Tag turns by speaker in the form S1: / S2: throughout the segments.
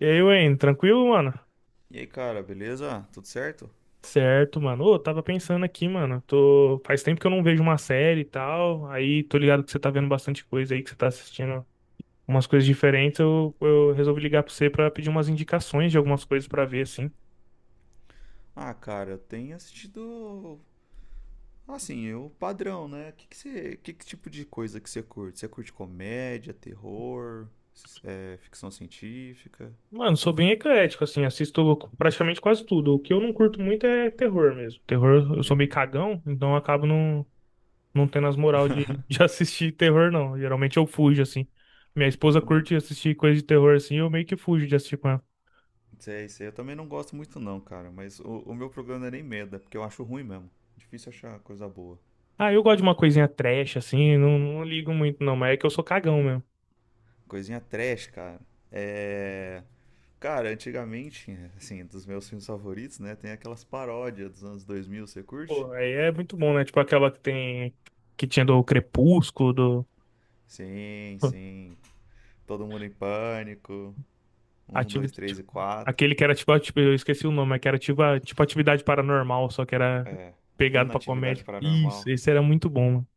S1: E aí, Wayne, tranquilo, mano?
S2: E aí, cara, beleza? Tudo certo?
S1: Certo, mano. Ô, eu tava pensando aqui, mano. Tô... Faz tempo que eu não vejo uma série e tal. Aí tô ligado que você tá vendo bastante coisa aí, que você tá assistindo umas coisas diferentes. Eu resolvi ligar pra você pra pedir umas indicações de algumas coisas pra ver, assim.
S2: Ah, cara, eu tenho assistido. Assim, o padrão, né? Que você, que tipo de coisa que você curte? Você curte comédia, terror, ficção científica?
S1: Mano, sou bem eclético, assim. Assisto praticamente quase tudo. O que eu não curto muito é terror mesmo. Terror, eu sou meio
S2: Terror.
S1: cagão, então eu acabo não, não tendo as moral de, de assistir terror, não. Geralmente eu fujo, assim. Minha esposa
S2: Também.
S1: curte assistir coisa de terror, assim. Eu meio que fujo de assistir com ela.
S2: Sei, sei. Eu também não gosto muito, não, cara. Mas o meu programa não é nem medo, é porque eu acho ruim mesmo. Difícil achar coisa boa.
S1: Ah, eu gosto de uma coisinha trash, assim, não, não ligo muito, não, mas é que eu sou cagão mesmo.
S2: Coisinha trash, cara. É. Cara, antigamente, assim, dos meus filmes favoritos, né? Tem aquelas paródias dos anos 2000. Você curte?
S1: Pô, aí é muito bom, né? Tipo aquela que tem. Que tinha do Crepúsculo, do.
S2: Sim, sim. Todo mundo em pânico. Um,
S1: Ativi...
S2: dois, três
S1: tipo,
S2: e quatro.
S1: aquele que era tipo, tipo. Eu esqueci o nome, mas que era tipo, tipo atividade paranormal, só que era
S2: É.
S1: pegado pra
S2: Inatividade
S1: comédia. Isso,
S2: Paranormal.
S1: esse era muito bom, mano.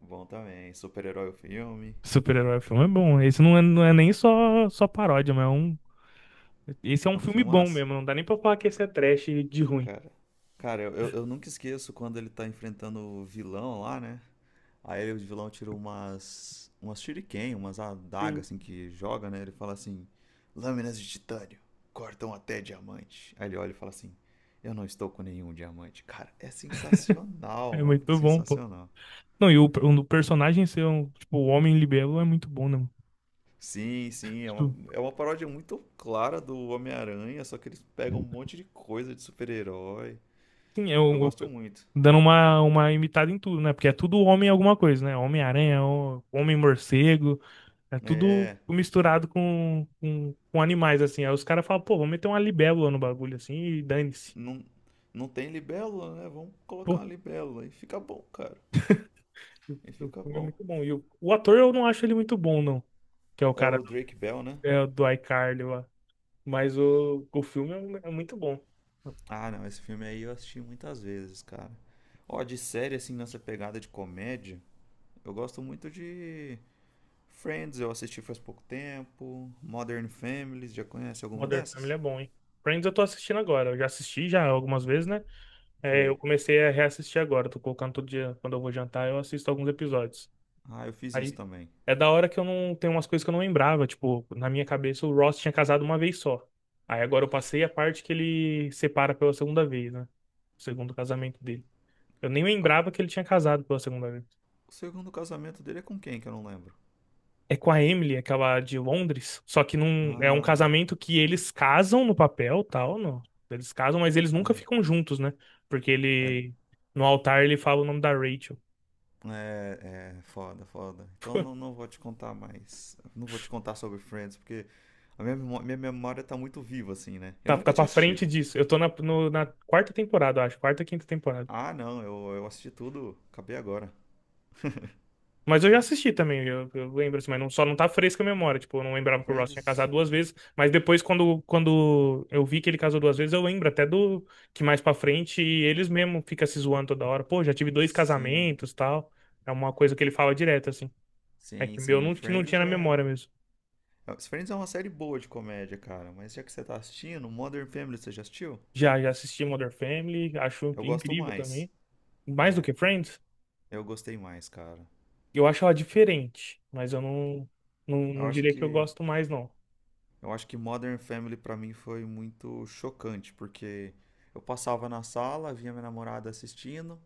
S2: Bom também. Super-herói o filme.
S1: Super-herói filme é bom. Esse não é, não é nem só, só paródia, mas é um. Esse é um
S2: É um
S1: filme bom
S2: filmaço.
S1: mesmo, não dá nem pra falar que esse é trash de ruim.
S2: Cara. Cara, eu nunca esqueço quando ele tá enfrentando o vilão lá, né? Aí o vilão tira umas shuriken, umas
S1: Sim.
S2: adagas assim que joga, né? Ele fala assim: lâminas de titânio cortam até diamante. Aí ele olha e fala assim: eu não estou com nenhum diamante. Cara, é
S1: É
S2: sensacional, mano. É
S1: muito bom, pô.
S2: sensacional.
S1: Não, e o, o personagem ser um, tipo, o homem libelo é muito bom, né, mano?
S2: Sim, sim, é uma,
S1: Tipo,
S2: é uma paródia muito clara do Homem-Aranha, só que eles pegam um monte de coisa de super-herói.
S1: sim, é
S2: Eu
S1: o,
S2: gosto muito.
S1: dando uma imitada em tudo, né? Porque é tudo homem alguma coisa, né? Homem-aranha, homem-morcego, é tudo
S2: É,
S1: misturado com animais, assim. Aí os caras falam, pô, vamos meter uma libélula no bagulho, assim, e dane-se.
S2: não, não tem libélula, né? Vamos colocar
S1: Pô,
S2: uma libélula e fica bom, cara.
S1: o
S2: E
S1: o
S2: fica
S1: filme é
S2: bom.
S1: muito bom. E o ator eu não acho ele muito bom, não. Que é o
S2: É
S1: cara
S2: o Drake Bell, né?
S1: é, do iCarly lá. Mas o filme é, é muito bom.
S2: Ah, não, esse filme aí eu assisti muitas vezes, cara. Ó, de série, assim, nessa pegada de comédia, eu gosto muito de Friends, eu assisti faz pouco tempo. Modern Families, já conhece alguma
S1: Modern Family
S2: dessas?
S1: é bom, hein? Friends eu tô assistindo agora. Eu já assisti já algumas vezes, né? É, eu
S2: Sei.
S1: comecei a reassistir agora. Tô colocando todo dia, quando eu vou jantar, eu assisto alguns episódios.
S2: Ah, eu fiz isso
S1: Aí
S2: também.
S1: é da hora que eu não tenho umas coisas que eu não lembrava. Tipo, na minha cabeça o Ross tinha casado uma vez só. Aí agora eu passei a parte que ele separa pela segunda vez, né? O segundo casamento dele. Eu nem
S2: a-
S1: lembrava que ele tinha casado pela segunda vez.
S2: o segundo casamento dele é com quem que eu não lembro?
S1: É com a Emily, aquela de Londres. Só que não é um
S2: Ah,
S1: casamento que eles casam no papel, tal, não. Eles casam, mas eles nunca
S2: é.
S1: ficam juntos, né? Porque ele no altar ele fala o nome da Rachel.
S2: É, é foda, foda. Então não, não vou te contar mais. Não vou te contar sobre Friends, porque minha memória tá muito viva, assim, né? Eu
S1: Tá, tá
S2: nunca tinha
S1: pra frente
S2: assistido.
S1: disso. Eu tô na, na quarta temporada, eu acho. Quarta, quinta temporada.
S2: Ah, não, eu assisti tudo, acabei agora.
S1: Mas eu já assisti também, eu lembro assim, mas não, só não tá fresca a memória. Tipo, eu não lembrava que o Ross tinha
S2: Friends,
S1: casado duas vezes, mas depois, quando, quando eu vi que ele casou duas vezes, eu lembro até do que mais pra frente eles mesmo ficam se zoando toda hora. Pô, já tive dois
S2: sim,
S1: casamentos tal. É uma coisa que ele fala direto, assim. É
S2: sim,
S1: que o meu
S2: sim.
S1: não, que não tinha na memória mesmo.
S2: Friends é uma série boa de comédia, cara, mas já que você tá assistindo, Modern Family você já assistiu?
S1: Já, já assisti Modern Family, acho
S2: Eu gosto
S1: incrível
S2: mais.
S1: também. Mais do
S2: É,
S1: que
S2: eu,
S1: Friends,
S2: eu gostei mais, cara.
S1: eu acho ela diferente, mas eu não, não,
S2: Eu
S1: não
S2: acho
S1: diria que eu
S2: que
S1: gosto mais, não.
S2: Eu acho que Modern Family pra mim foi muito chocante, porque eu passava na sala, via minha namorada assistindo,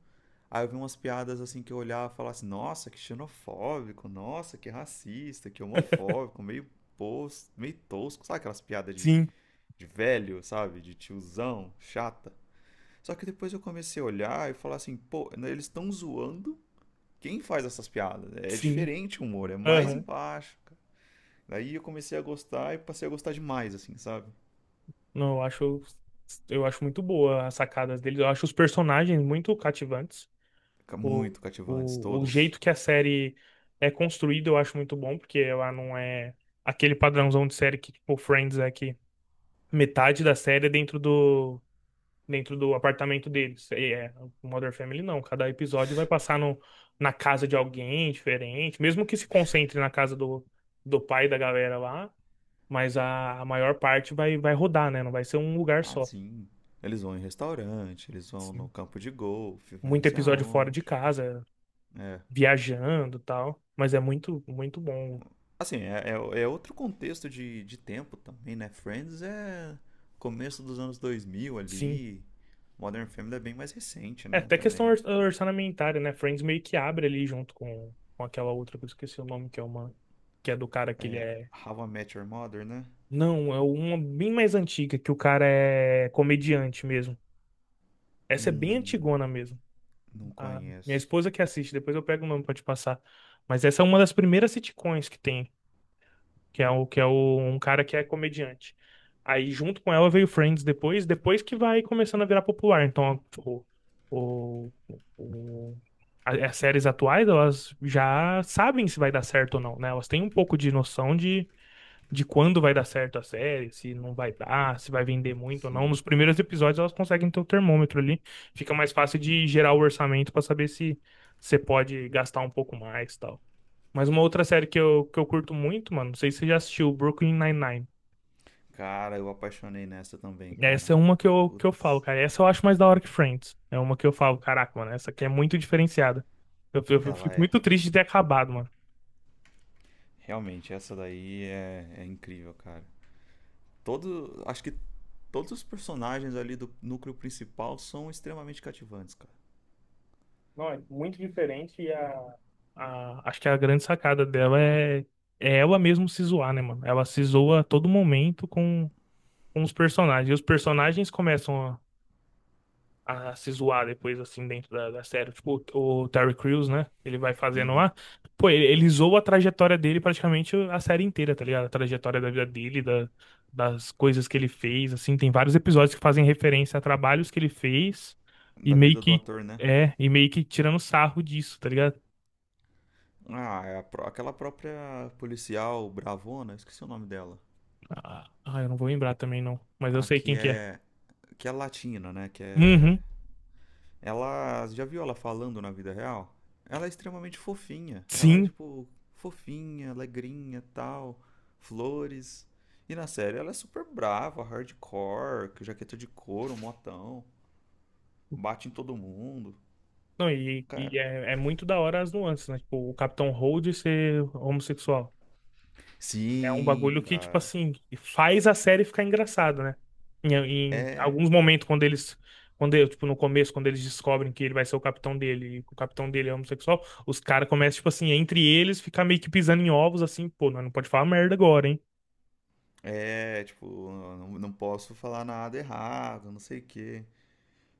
S2: aí eu vi umas piadas assim que eu olhava e falava assim, nossa, que xenofóbico, nossa, que racista, que homofóbico, meio pos, meio tosco, sabe aquelas piadas
S1: Sim,
S2: de velho, sabe? De tiozão, chata. Só que depois eu comecei a olhar e falar assim, pô, né, eles estão zoando quem faz essas piadas. Né? É
S1: sim.
S2: diferente o humor, é mais
S1: Aham.
S2: embaixo, cara. Daí eu comecei a gostar e passei a gostar demais, assim, sabe?
S1: Não, eu acho muito boa as sacadas deles. Eu acho os personagens muito cativantes. O,
S2: Muito cativantes,
S1: o
S2: todos.
S1: jeito que a série é construída eu acho muito bom, porque ela não é aquele padrãozão de série que, tipo, Friends é que metade da série é dentro dentro do apartamento deles. E é, o Modern Family não. Cada episódio vai passar no, na casa de alguém diferente, mesmo que se concentre na casa do, do pai da galera lá, mas a maior parte vai, vai rodar, né? Não vai ser um lugar
S2: Ah,
S1: só.
S2: sim. Eles vão em restaurante, eles vão no campo de golfe, vai não
S1: Muito
S2: sei
S1: episódio fora de
S2: aonde.
S1: casa,
S2: É.
S1: viajando e tal. Mas é muito, muito bom.
S2: Assim, é, é- é outro contexto de tempo também, né? Friends é começo dos anos 2000
S1: Sim.
S2: ali. Modern Family é bem mais recente,
S1: É,
S2: né?
S1: até questão
S2: Também.
S1: orçamentária, né? Friends meio que abre ali junto com aquela outra que eu esqueci o nome, que é uma. Que é do cara que ele
S2: É
S1: é.
S2: How I Met Your Mother, né?
S1: Não, é uma bem mais antiga, que o cara é comediante mesmo. Essa é bem
S2: Hum,
S1: antigona mesmo.
S2: não
S1: A minha
S2: conheço.
S1: esposa que assiste, depois eu pego o nome pra te passar. Mas essa é uma das primeiras sitcoms que tem. Que é, o, que é o, um cara que é comediante. Aí, junto com ela, veio Friends depois, depois que vai começando a virar popular. Então, o, o- as séries atuais, elas já sabem se vai dar certo ou não, né? Elas têm um pouco de noção de quando vai dar certo a série, se não vai dar, se vai vender muito ou não.
S2: Sim.
S1: Nos primeiros episódios, elas conseguem ter o termômetro ali. Fica mais fácil de gerar o orçamento para saber se você pode gastar um pouco mais, tal. Mas uma outra série que eu curto muito, mano, não sei se você já assistiu, Brooklyn Nine-Nine.
S2: Cara, eu apaixonei nessa também, cara.
S1: Essa é uma que eu falo,
S2: Putz,
S1: cara. Essa eu acho mais da hora que Friends. É uma que eu falo, caraca, mano, essa aqui é muito diferenciada. Eu
S2: ela
S1: fico
S2: é.
S1: muito triste de ter acabado, mano.
S2: Realmente, essa daí é, é incrível, cara. Todo, acho que todos os personagens ali do núcleo principal são extremamente cativantes, cara.
S1: Não, é muito diferente e a acho que a grande sacada dela é, é ela mesmo se zoar, né, mano? Ela se zoa a todo momento com os personagens. E os personagens começam a se zoar depois, assim, dentro da, da série. Tipo, o Terry Crews, né? Ele vai fazendo
S2: Uhum.
S1: lá. Pô, ele zoa a trajetória dele praticamente a série inteira, tá ligado? A trajetória da vida dele, da, das coisas que ele fez, assim. Tem vários episódios que fazem referência a trabalhos que ele fez e
S2: Da
S1: meio
S2: vida do
S1: que.
S2: ator, né?
S1: É, e meio que tirando sarro disso, tá ligado?
S2: Ah, é a pró- aquela própria policial bravona, esqueci o nome dela.
S1: Ah, ah, eu não vou lembrar também, não. Mas eu
S2: A
S1: sei quem
S2: que
S1: que é.
S2: é. Que é latina, né? Que é.
S1: Uhum,
S2: Ela. Já viu ela falando na vida real? Ela é extremamente fofinha. Ela é,
S1: sim.
S2: tipo, fofinha, alegrinha tal. Flores. E na série ela é super brava, hardcore, com jaqueta de couro, motão. Bate em todo mundo.
S1: Não, e
S2: Cara,
S1: é, é muito da hora as nuances, né? Tipo, o Capitão Holt ser homossexual. É um
S2: sim,
S1: bagulho que, tipo
S2: cara.
S1: assim, faz a série ficar engraçada, né? Em
S2: É,
S1: alguns momentos, quando eles. Quando, tipo, no começo, quando eles descobrem que ele vai ser o capitão dele, e que o capitão dele é homossexual, os caras começam, tipo assim, entre eles, ficar meio que pisando em ovos, assim, pô, nós não pode falar merda agora, hein?
S2: tipo, não, não posso falar nada errado, não sei o quê.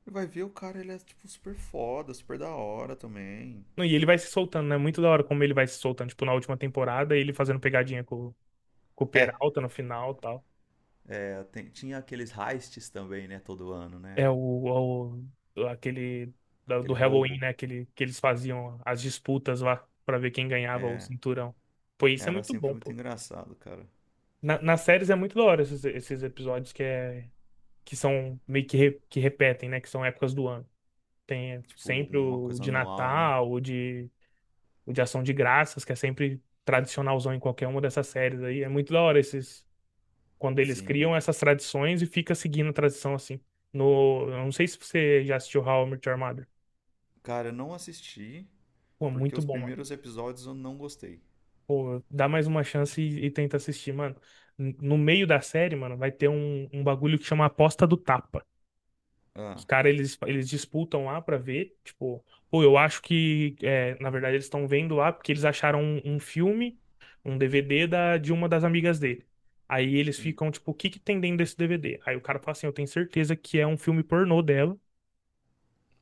S2: E vai ver o cara, ele é, tipo, super foda, super da hora também.
S1: Não, e ele vai se soltando, né? Muito da hora como ele vai se soltando, tipo, na última temporada, ele fazendo pegadinha com o
S2: É,
S1: Peralta no final e tal.
S2: Tinha aqueles heists também, né, todo ano, né?
S1: É aquele do
S2: Aquele
S1: Halloween,
S2: roubo.
S1: né? Aquele, que eles faziam as disputas lá pra ver quem ganhava o
S2: É,
S1: cinturão. Pô, isso é
S2: era
S1: muito
S2: sempre
S1: bom,
S2: muito
S1: pô.
S2: engraçado, cara.
S1: Nas séries é muito da hora esses, esses episódios que, é, que são meio que, que repetem, né? Que são épocas do ano. Tem
S2: Tipo,
S1: sempre
S2: uma
S1: o
S2: coisa
S1: de
S2: anual, né?
S1: Natal, o de Ação de Graças, que é sempre tradicionalzão em qualquer uma dessas séries aí. É muito da hora esses, quando eles
S2: Sim.
S1: criam essas tradições e fica seguindo a tradição assim. No, eu não sei se você já assistiu How I Met Your Mother.
S2: Cara, eu não assisti,
S1: Pô,
S2: porque
S1: muito
S2: os
S1: bom, mano.
S2: primeiros episódios eu não gostei.
S1: Pô, dá mais uma chance e tenta assistir, mano. No meio da série, mano, vai ter um, um bagulho que chama Aposta do Tapa. Os
S2: Ah,
S1: caras, eles disputam lá pra ver, tipo, pô, eu acho que, é, na verdade, eles estão vendo lá porque eles acharam um, um filme, um DVD da, de uma das amigas dele. Aí eles
S2: hum,
S1: ficam, tipo, o que que tem dentro desse DVD? Aí o cara fala assim, eu tenho certeza que é um filme pornô dela.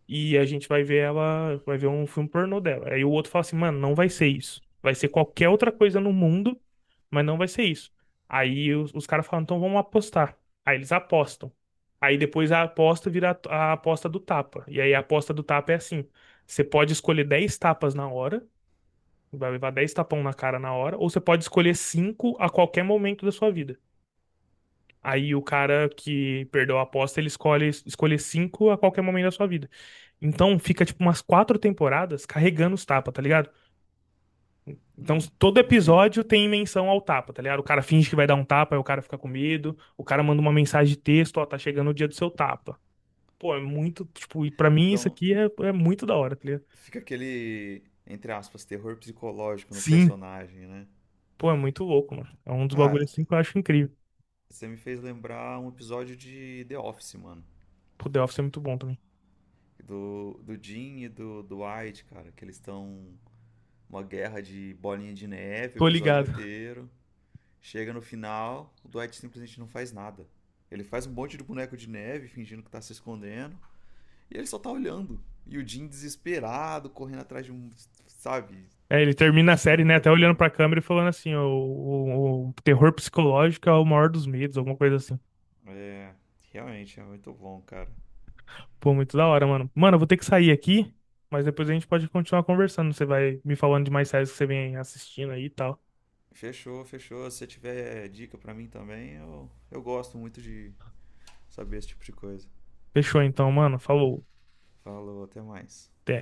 S1: E a gente vai ver ela, vai ver um filme pornô dela. Aí o outro fala assim, mano, não vai ser isso. Vai ser qualquer outra coisa no mundo, mas não vai ser isso. Aí os caras falam, então vamos apostar. Aí eles apostam. Aí depois a aposta vira a aposta do tapa. E aí a aposta do tapa é assim: você pode escolher 10 tapas na hora, vai levar 10 tapão na cara na hora, ou você pode escolher 5 a qualquer momento da sua vida. Aí o cara que perdeu a aposta, ele escolhe escolher 5 a qualquer momento da sua vida. Então fica tipo umas 4 temporadas carregando os tapas, tá ligado? Então
S2: hum,
S1: todo
S2: como assim?
S1: episódio tem menção ao tapa, tá ligado? O cara finge que vai dar um tapa, aí o cara fica com medo, o cara manda uma mensagem de texto, ó, tá chegando o dia do seu tapa. Pô, é muito, tipo, e pra mim isso
S2: Então,
S1: aqui é, é muito da hora, tá ligado?
S2: fica aquele, entre aspas, terror psicológico no
S1: Sim.
S2: personagem, né?
S1: Pô, é muito louco, mano. É um dos
S2: Ah,
S1: bagulhos assim que eu acho incrível.
S2: você me fez lembrar um episódio de The Office, mano.
S1: Pô, The Office é muito bom também.
S2: Do Jim e do Dwight, cara, que eles estão uma guerra de bolinha de neve o
S1: Tô
S2: episódio
S1: ligado.
S2: inteiro. Chega no final, o Dwight simplesmente não faz nada. Ele faz um monte de boneco de neve, fingindo que tá se escondendo, e ele só tá olhando. E o Jim desesperado, correndo atrás de um, sabe,
S1: É, ele termina a
S2: super
S1: série, né, até olhando
S2: terror.
S1: pra câmera e falando assim, o terror psicológico é o maior dos medos, alguma coisa assim.
S2: É, realmente é muito bom, cara.
S1: Pô, muito da hora, mano. Mano, eu vou ter que sair aqui, mas depois a gente pode continuar conversando. Você vai me falando de mais séries que você vem assistindo aí e tal.
S2: Fechou, fechou. Se você tiver dica pra mim também, eu gosto muito de saber esse tipo de coisa.
S1: Fechou então, mano. Falou.
S2: Falou, até mais.
S1: Até.